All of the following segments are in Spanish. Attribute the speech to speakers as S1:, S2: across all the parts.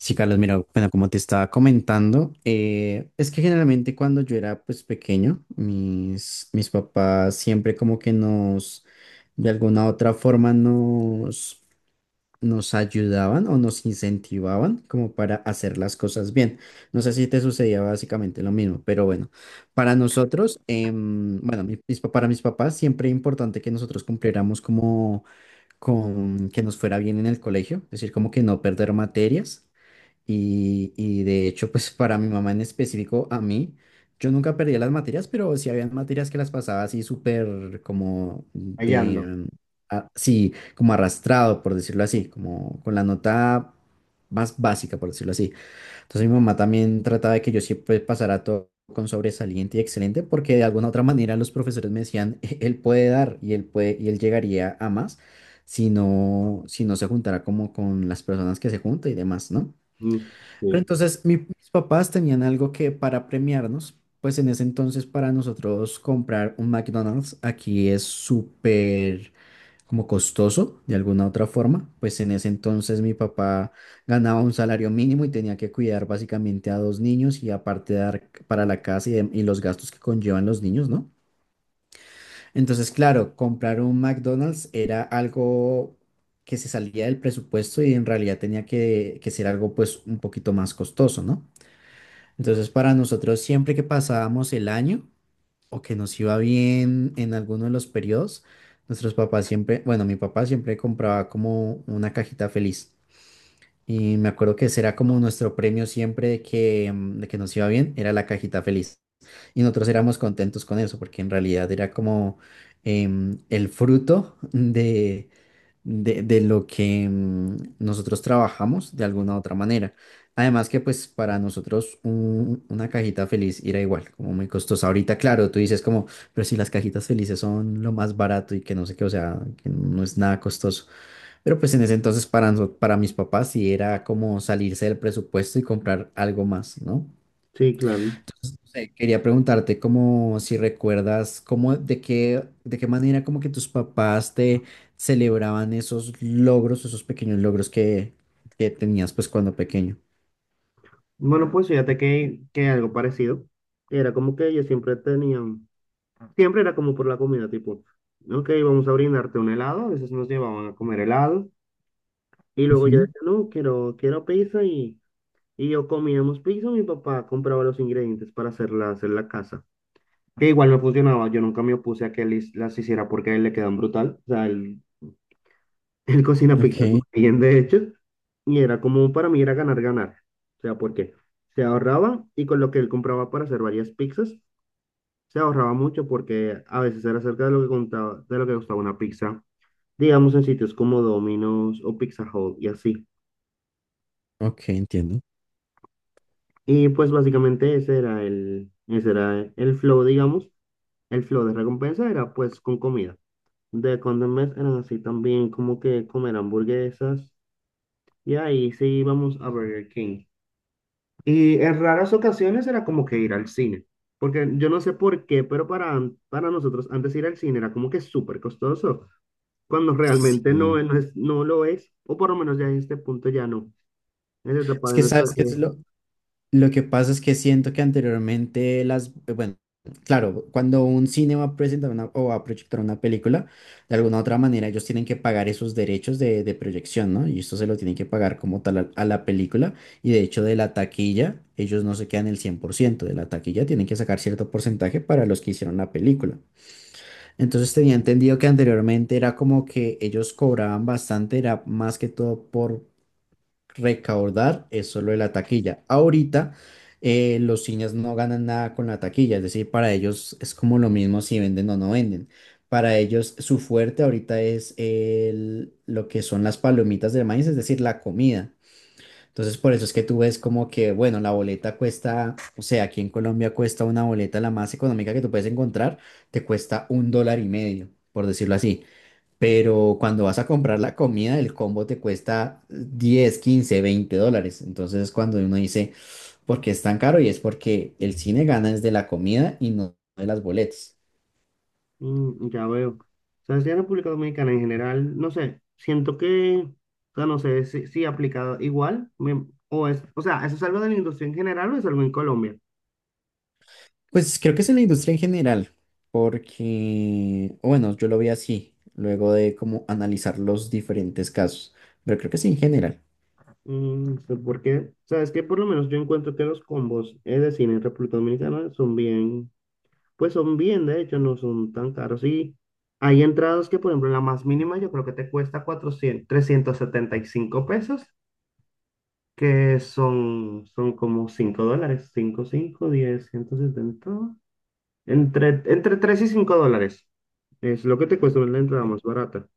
S1: Sí, Carlos, mira, bueno, como te estaba comentando, es que generalmente cuando yo era pues pequeño, mis papás siempre como que nos, de alguna otra forma nos ayudaban o nos incentivaban como para hacer las cosas bien. No sé si te sucedía básicamente lo mismo, pero bueno, para nosotros, bueno, para mis papás siempre importante que nosotros cumpliéramos como con que nos fuera bien en el colegio, es decir, como que no perder materias y de hecho, pues para mi mamá en específico, a mí, yo nunca perdía las materias, pero sí había materias que las pasaba así súper como de,
S2: Hallando.
S1: sí, como arrastrado, por decirlo así, como con la nota más básica, por decirlo así. Entonces mi mamá también trataba de que yo siempre pasara todo con sobresaliente y excelente, porque de alguna otra manera los profesores me decían, Él puede dar y él puede, y él llegaría a más si no, si no se juntara como con las personas que se junta y demás, ¿no?"
S2: Mm,
S1: Pero
S2: sí,
S1: entonces mis papás tenían algo que para premiarnos, pues en ese entonces para nosotros comprar un McDonald's aquí es súper como costoso de alguna otra forma, pues en ese entonces mi papá ganaba un salario mínimo y tenía que cuidar básicamente a dos niños y aparte dar para la casa y los gastos que conllevan los niños, ¿no? Entonces, claro, comprar un McDonald's era algo que se salía del presupuesto y en realidad tenía que ser algo pues un poquito más costoso, ¿no? Entonces, para nosotros, siempre que pasábamos el año o que nos iba bien en alguno de los periodos, nuestros papás siempre, bueno, mi papá siempre compraba como una cajita feliz. Y me acuerdo que ese era como nuestro premio siempre de que, de que nos iba bien, era la cajita feliz. Y nosotros éramos contentos con eso, porque en realidad era como el fruto de lo que nosotros trabajamos de alguna otra manera. Además que pues para nosotros una cajita feliz era igual, como muy costosa. Ahorita, claro, tú dices como, pero si las cajitas felices son lo más barato y que no sé qué, o sea, que no es nada costoso. Pero pues en ese entonces para mis papás sí era como salirse del presupuesto y comprar algo más, ¿no?
S2: sí, claro.
S1: No sé, quería preguntarte como si recuerdas cómo de qué manera como que tus papás te celebraban esos logros, esos pequeños logros que tenías pues cuando pequeño.
S2: Bueno, pues fíjate que algo parecido. Era como que ellos siempre tenían, siempre era como por la comida, tipo, ok, vamos a brindarte un helado, a veces nos llevaban a comer helado. Y luego yo
S1: Ujú.
S2: decía, no, quiero pizza y yo comíamos pizza. Mi papá compraba los ingredientes para hacerla, hacer la casa. Que igual no funcionaba, yo nunca me opuse a que él las hiciera porque a él le quedan brutal. O sea, él el cocina
S1: Ok.
S2: pizzas muy bien, de hecho, y era como para mí era ganar, ganar. O sea, porque se ahorraba, y con lo que él compraba para hacer varias pizzas se ahorraba mucho, porque a veces era cerca de lo que contaba, de lo que costaba una pizza, digamos en sitios como Domino's o Pizza Hut y así.
S1: Ok, entiendo.
S2: Y pues básicamente ese era el flow, digamos, el flow de recompensa era pues con comida. De cuando en vez eran así también como que comer hamburguesas, y ahí sí íbamos a Burger King. Y en raras ocasiones era como que ir al cine, porque yo no sé por qué, pero para nosotros antes ir al cine era como que súper costoso, cuando realmente no,
S1: Sí.
S2: no es, no lo es, o por lo menos ya en este punto ya no, en esta etapa
S1: Es
S2: de
S1: que
S2: nuestra
S1: sabes que
S2: vida.
S1: es lo que pasa es que siento que anteriormente las, bueno, claro, cuando un cine va a presentar una, o va a proyectar una película, de alguna u otra manera ellos tienen que pagar esos derechos de proyección, ¿no? Y esto se lo tienen que pagar como tal a la película. Y de hecho de la taquilla, ellos no se quedan el 100% de la taquilla, tienen que sacar cierto porcentaje para los que hicieron la película. Entonces tenía entendido que anteriormente era como que ellos cobraban bastante, era más que todo por recaudar es solo de la taquilla. Ahorita los cines no ganan nada con la taquilla, es decir, para ellos es como lo mismo si venden o no venden. Para ellos su fuerte ahorita es lo que son las palomitas de maíz, es decir, la comida. Entonces por eso es que tú ves como que, bueno, la boleta cuesta, o sea, aquí en Colombia cuesta una boleta la más económica que tú puedes encontrar, te cuesta 1,5 dólares, por decirlo así. Pero cuando vas a comprar la comida, el combo te cuesta 10, 15, 20 dólares. Entonces es cuando uno dice, ¿por qué es tan caro? Y es porque el cine gana desde la comida y no de las boletas.
S2: Ya veo. O sea, si en República Dominicana en general, no sé, siento que, o sea, no sé si aplicado igual, o sea, ¿eso es algo de la industria en general o es algo en Colombia?
S1: Pues creo que es en la industria en general, porque, o bueno, yo lo vi así, luego de como analizar los diferentes casos, pero creo que sí en general.
S2: Mm, sé ¿Por Sabes que por lo menos yo encuentro que los combos de cine en República Dominicana son bien, pues son bien, de hecho, no son tan caros. Y hay entradas que, por ejemplo, la más mínima yo creo que te cuesta cuatrocientos trescientos setenta y cinco pesos, que son como $5, cinco cinco diez ciento setenta, entre 3 y 5 dólares. Es lo que te cuesta la entrada más barata.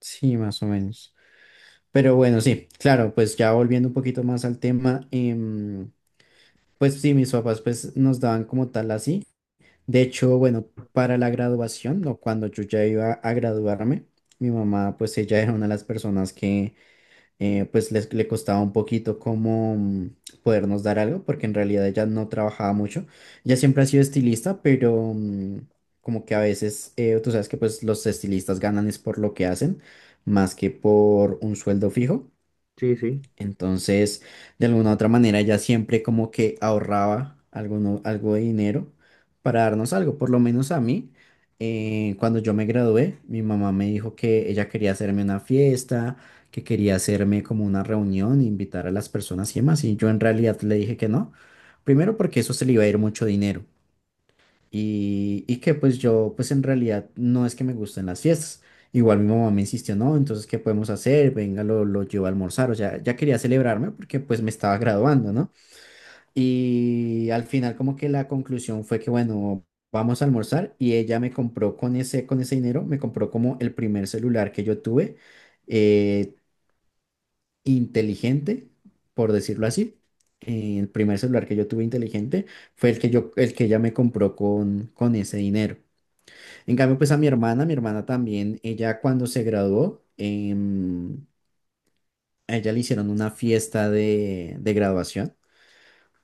S1: Sí, más o menos. Pero bueno, sí, claro, pues ya volviendo un poquito más al tema, pues sí, mis papás pues nos daban como tal así. De hecho, bueno, para la graduación o cuando yo ya iba a graduarme, mi mamá, pues ella era una de las personas que pues le costaba un poquito como podernos dar algo, porque en realidad ella no trabajaba mucho. Ella siempre ha sido estilista, pero como que a veces, tú sabes que pues los estilistas ganan es por lo que hacen, más que por un sueldo fijo.
S2: Sí, sí.
S1: Entonces, de alguna u otra manera, ella siempre como que ahorraba algo de dinero para darnos algo. Por lo menos a mí, cuando yo me gradué, mi mamá me dijo que ella quería hacerme una fiesta, que quería hacerme como una reunión, invitar a las personas y demás. Y yo en realidad le dije que no. Primero porque eso se le iba a ir mucho dinero y que pues yo pues en realidad no es que me gusten las fiestas. Igual mi mamá me insistió, no, entonces, ¿qué podemos hacer? Venga, lo llevo a almorzar. O sea, ya quería celebrarme porque pues me estaba graduando, ¿no? Y al final como que la conclusión fue que, bueno, vamos a almorzar y ella me compró con ese dinero, me compró como el primer celular que yo tuve, eh, inteligente, por decirlo así. El primer celular que yo tuve inteligente fue el que ella me compró con ese dinero. En cambio, pues a mi hermana también, ella cuando se graduó, a ella le hicieron una fiesta de graduación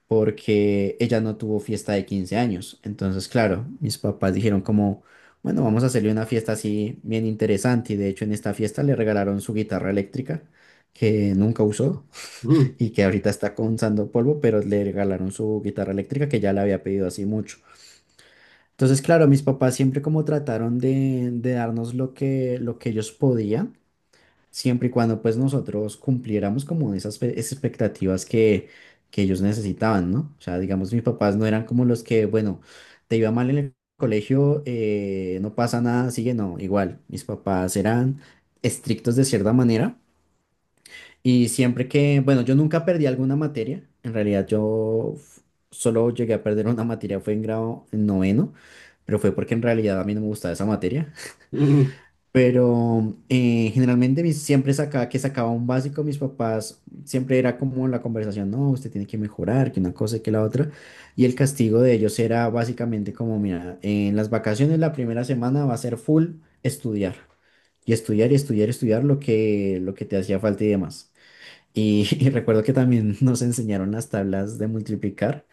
S1: porque ella no tuvo fiesta de 15 años. Entonces, claro, mis papás dijeron como, bueno, vamos a hacerle una fiesta así bien interesante. Y de hecho, en esta fiesta le regalaron su guitarra eléctrica que nunca usó y que ahorita está con sando polvo, pero le regalaron su guitarra eléctrica que ya la había pedido así mucho. Entonces, claro, mis papás siempre como trataron de darnos lo que ellos podían, siempre y cuando pues nosotros cumpliéramos como esas expectativas que ellos necesitaban, ¿no? O sea, digamos, mis papás no eran como los que, bueno, te iba mal en el colegio, no pasa nada, sigue, no, igual, mis papás eran estrictos de cierta manera y siempre que, bueno, yo nunca perdí alguna materia, en realidad yo solo llegué a perder una materia, fue en grado noveno pero fue porque en realidad a mí no me gustaba esa materia.
S2: Mm, mm.
S1: Pero generalmente siempre sacaba un básico, mis papás siempre era como la conversación, no, usted tiene que mejorar, que una cosa y que la otra. Y el castigo de ellos era básicamente como, mira, en las vacaciones la primera semana va a ser full estudiar. Y estudiar y estudiar y estudiar lo que te hacía falta y demás. Y, y recuerdo que también nos enseñaron las tablas de multiplicar.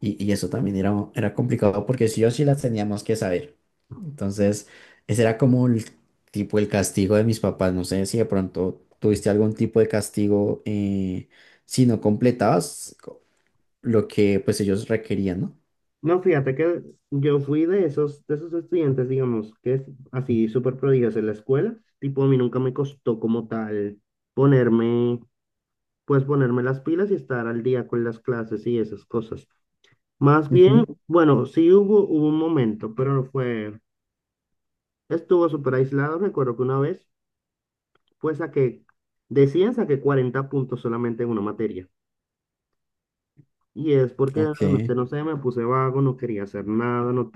S1: Y eso también era complicado porque sí o sí las teníamos que saber. Entonces, ese era como el tipo el castigo de mis papás. No sé si de pronto tuviste algún tipo de castigo si no completabas lo que pues ellos requerían, ¿no?
S2: No, fíjate que yo fui de esos estudiantes, digamos, que es así súper prodigios en la escuela. Tipo, a mí nunca me costó como tal ponerme, pues ponerme las pilas y estar al día con las clases y esas cosas. Más bien,
S1: Ujú.
S2: bueno, sí hubo un momento, pero no fue, estuvo súper aislado. Recuerdo que una vez, pues saqué, decían saqué 40 puntos solamente en una materia. Y es porque
S1: Ok.
S2: realmente, no sé, me puse vago, no quería hacer nada, no,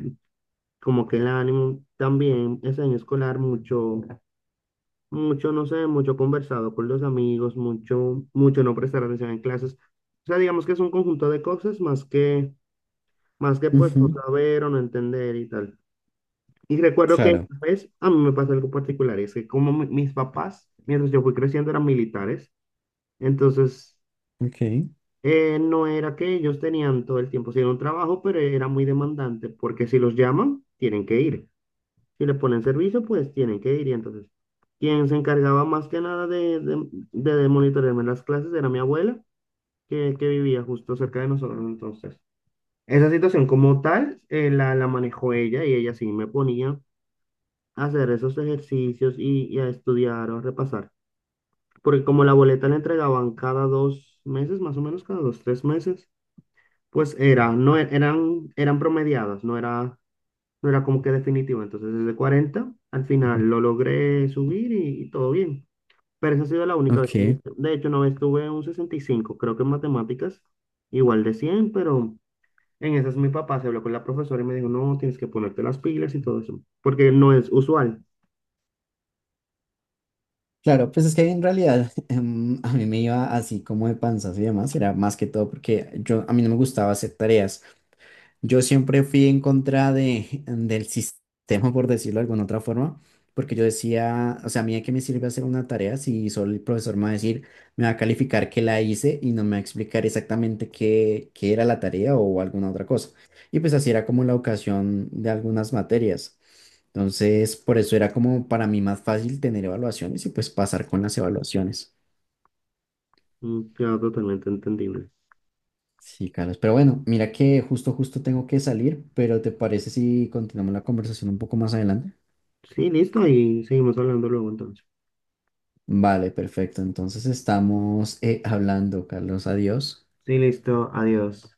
S2: como que el ánimo también ese año escolar mucho mucho, no sé, mucho conversado con los amigos, mucho mucho no prestar atención en clases. O sea, digamos que es un conjunto de cosas, más que pues no
S1: Ujú,
S2: saber o no entender y tal. Y recuerdo que
S1: claro.
S2: pues a mí me pasó algo particular, y es que como mis papás, mientras yo fui creciendo, eran militares. Entonces,
S1: Ok,
S2: no era que ellos tenían todo el tiempo, sí era un trabajo, pero era muy demandante, porque si los llaman, tienen que ir. Si le ponen servicio, pues tienen que ir. Y entonces, quien se encargaba más que nada de monitorearme las clases era mi abuela, que vivía justo cerca de nosotros. Entonces, esa situación como tal, la manejó ella, y ella sí me ponía a hacer esos ejercicios, y a estudiar o a repasar. Porque como la boleta la entregaban cada 2 meses, más o menos cada 2, 3 meses, pues era, no eran promediadas, no era como que definitivo. Entonces, desde 40 al final lo logré subir, y todo bien. Pero esa ha sido la única vez.
S1: ok.
S2: De hecho, una vez tuve un 65, creo que en matemáticas, igual de 100, pero en esas mi papá se habló con la profesora y me dijo, no, tienes que ponerte las pilas y todo eso, porque no es usual.
S1: Claro, pues es que en realidad a mí me iba así como de panzas y demás, era más que todo porque yo a mí no me gustaba hacer tareas. Yo siempre fui en contra del sistema, por decirlo de alguna otra forma, porque yo decía, o sea, a mí de qué me sirve hacer una tarea si solo el profesor me va a decir, me va a calificar que la hice y no me va a explicar exactamente qué era la tarea o alguna otra cosa. Y pues así era como la ocasión de algunas materias. Entonces, por eso era como para mí más fácil tener evaluaciones y pues pasar con las evaluaciones.
S2: Queda totalmente entendible.
S1: Sí, Carlos. Pero bueno, mira que justo, justo tengo que salir, pero ¿te parece si continuamos la conversación un poco más adelante?
S2: Sí, listo, y seguimos hablando luego entonces.
S1: Vale, perfecto. Entonces estamos hablando, Carlos. Adiós.
S2: Sí, listo, adiós.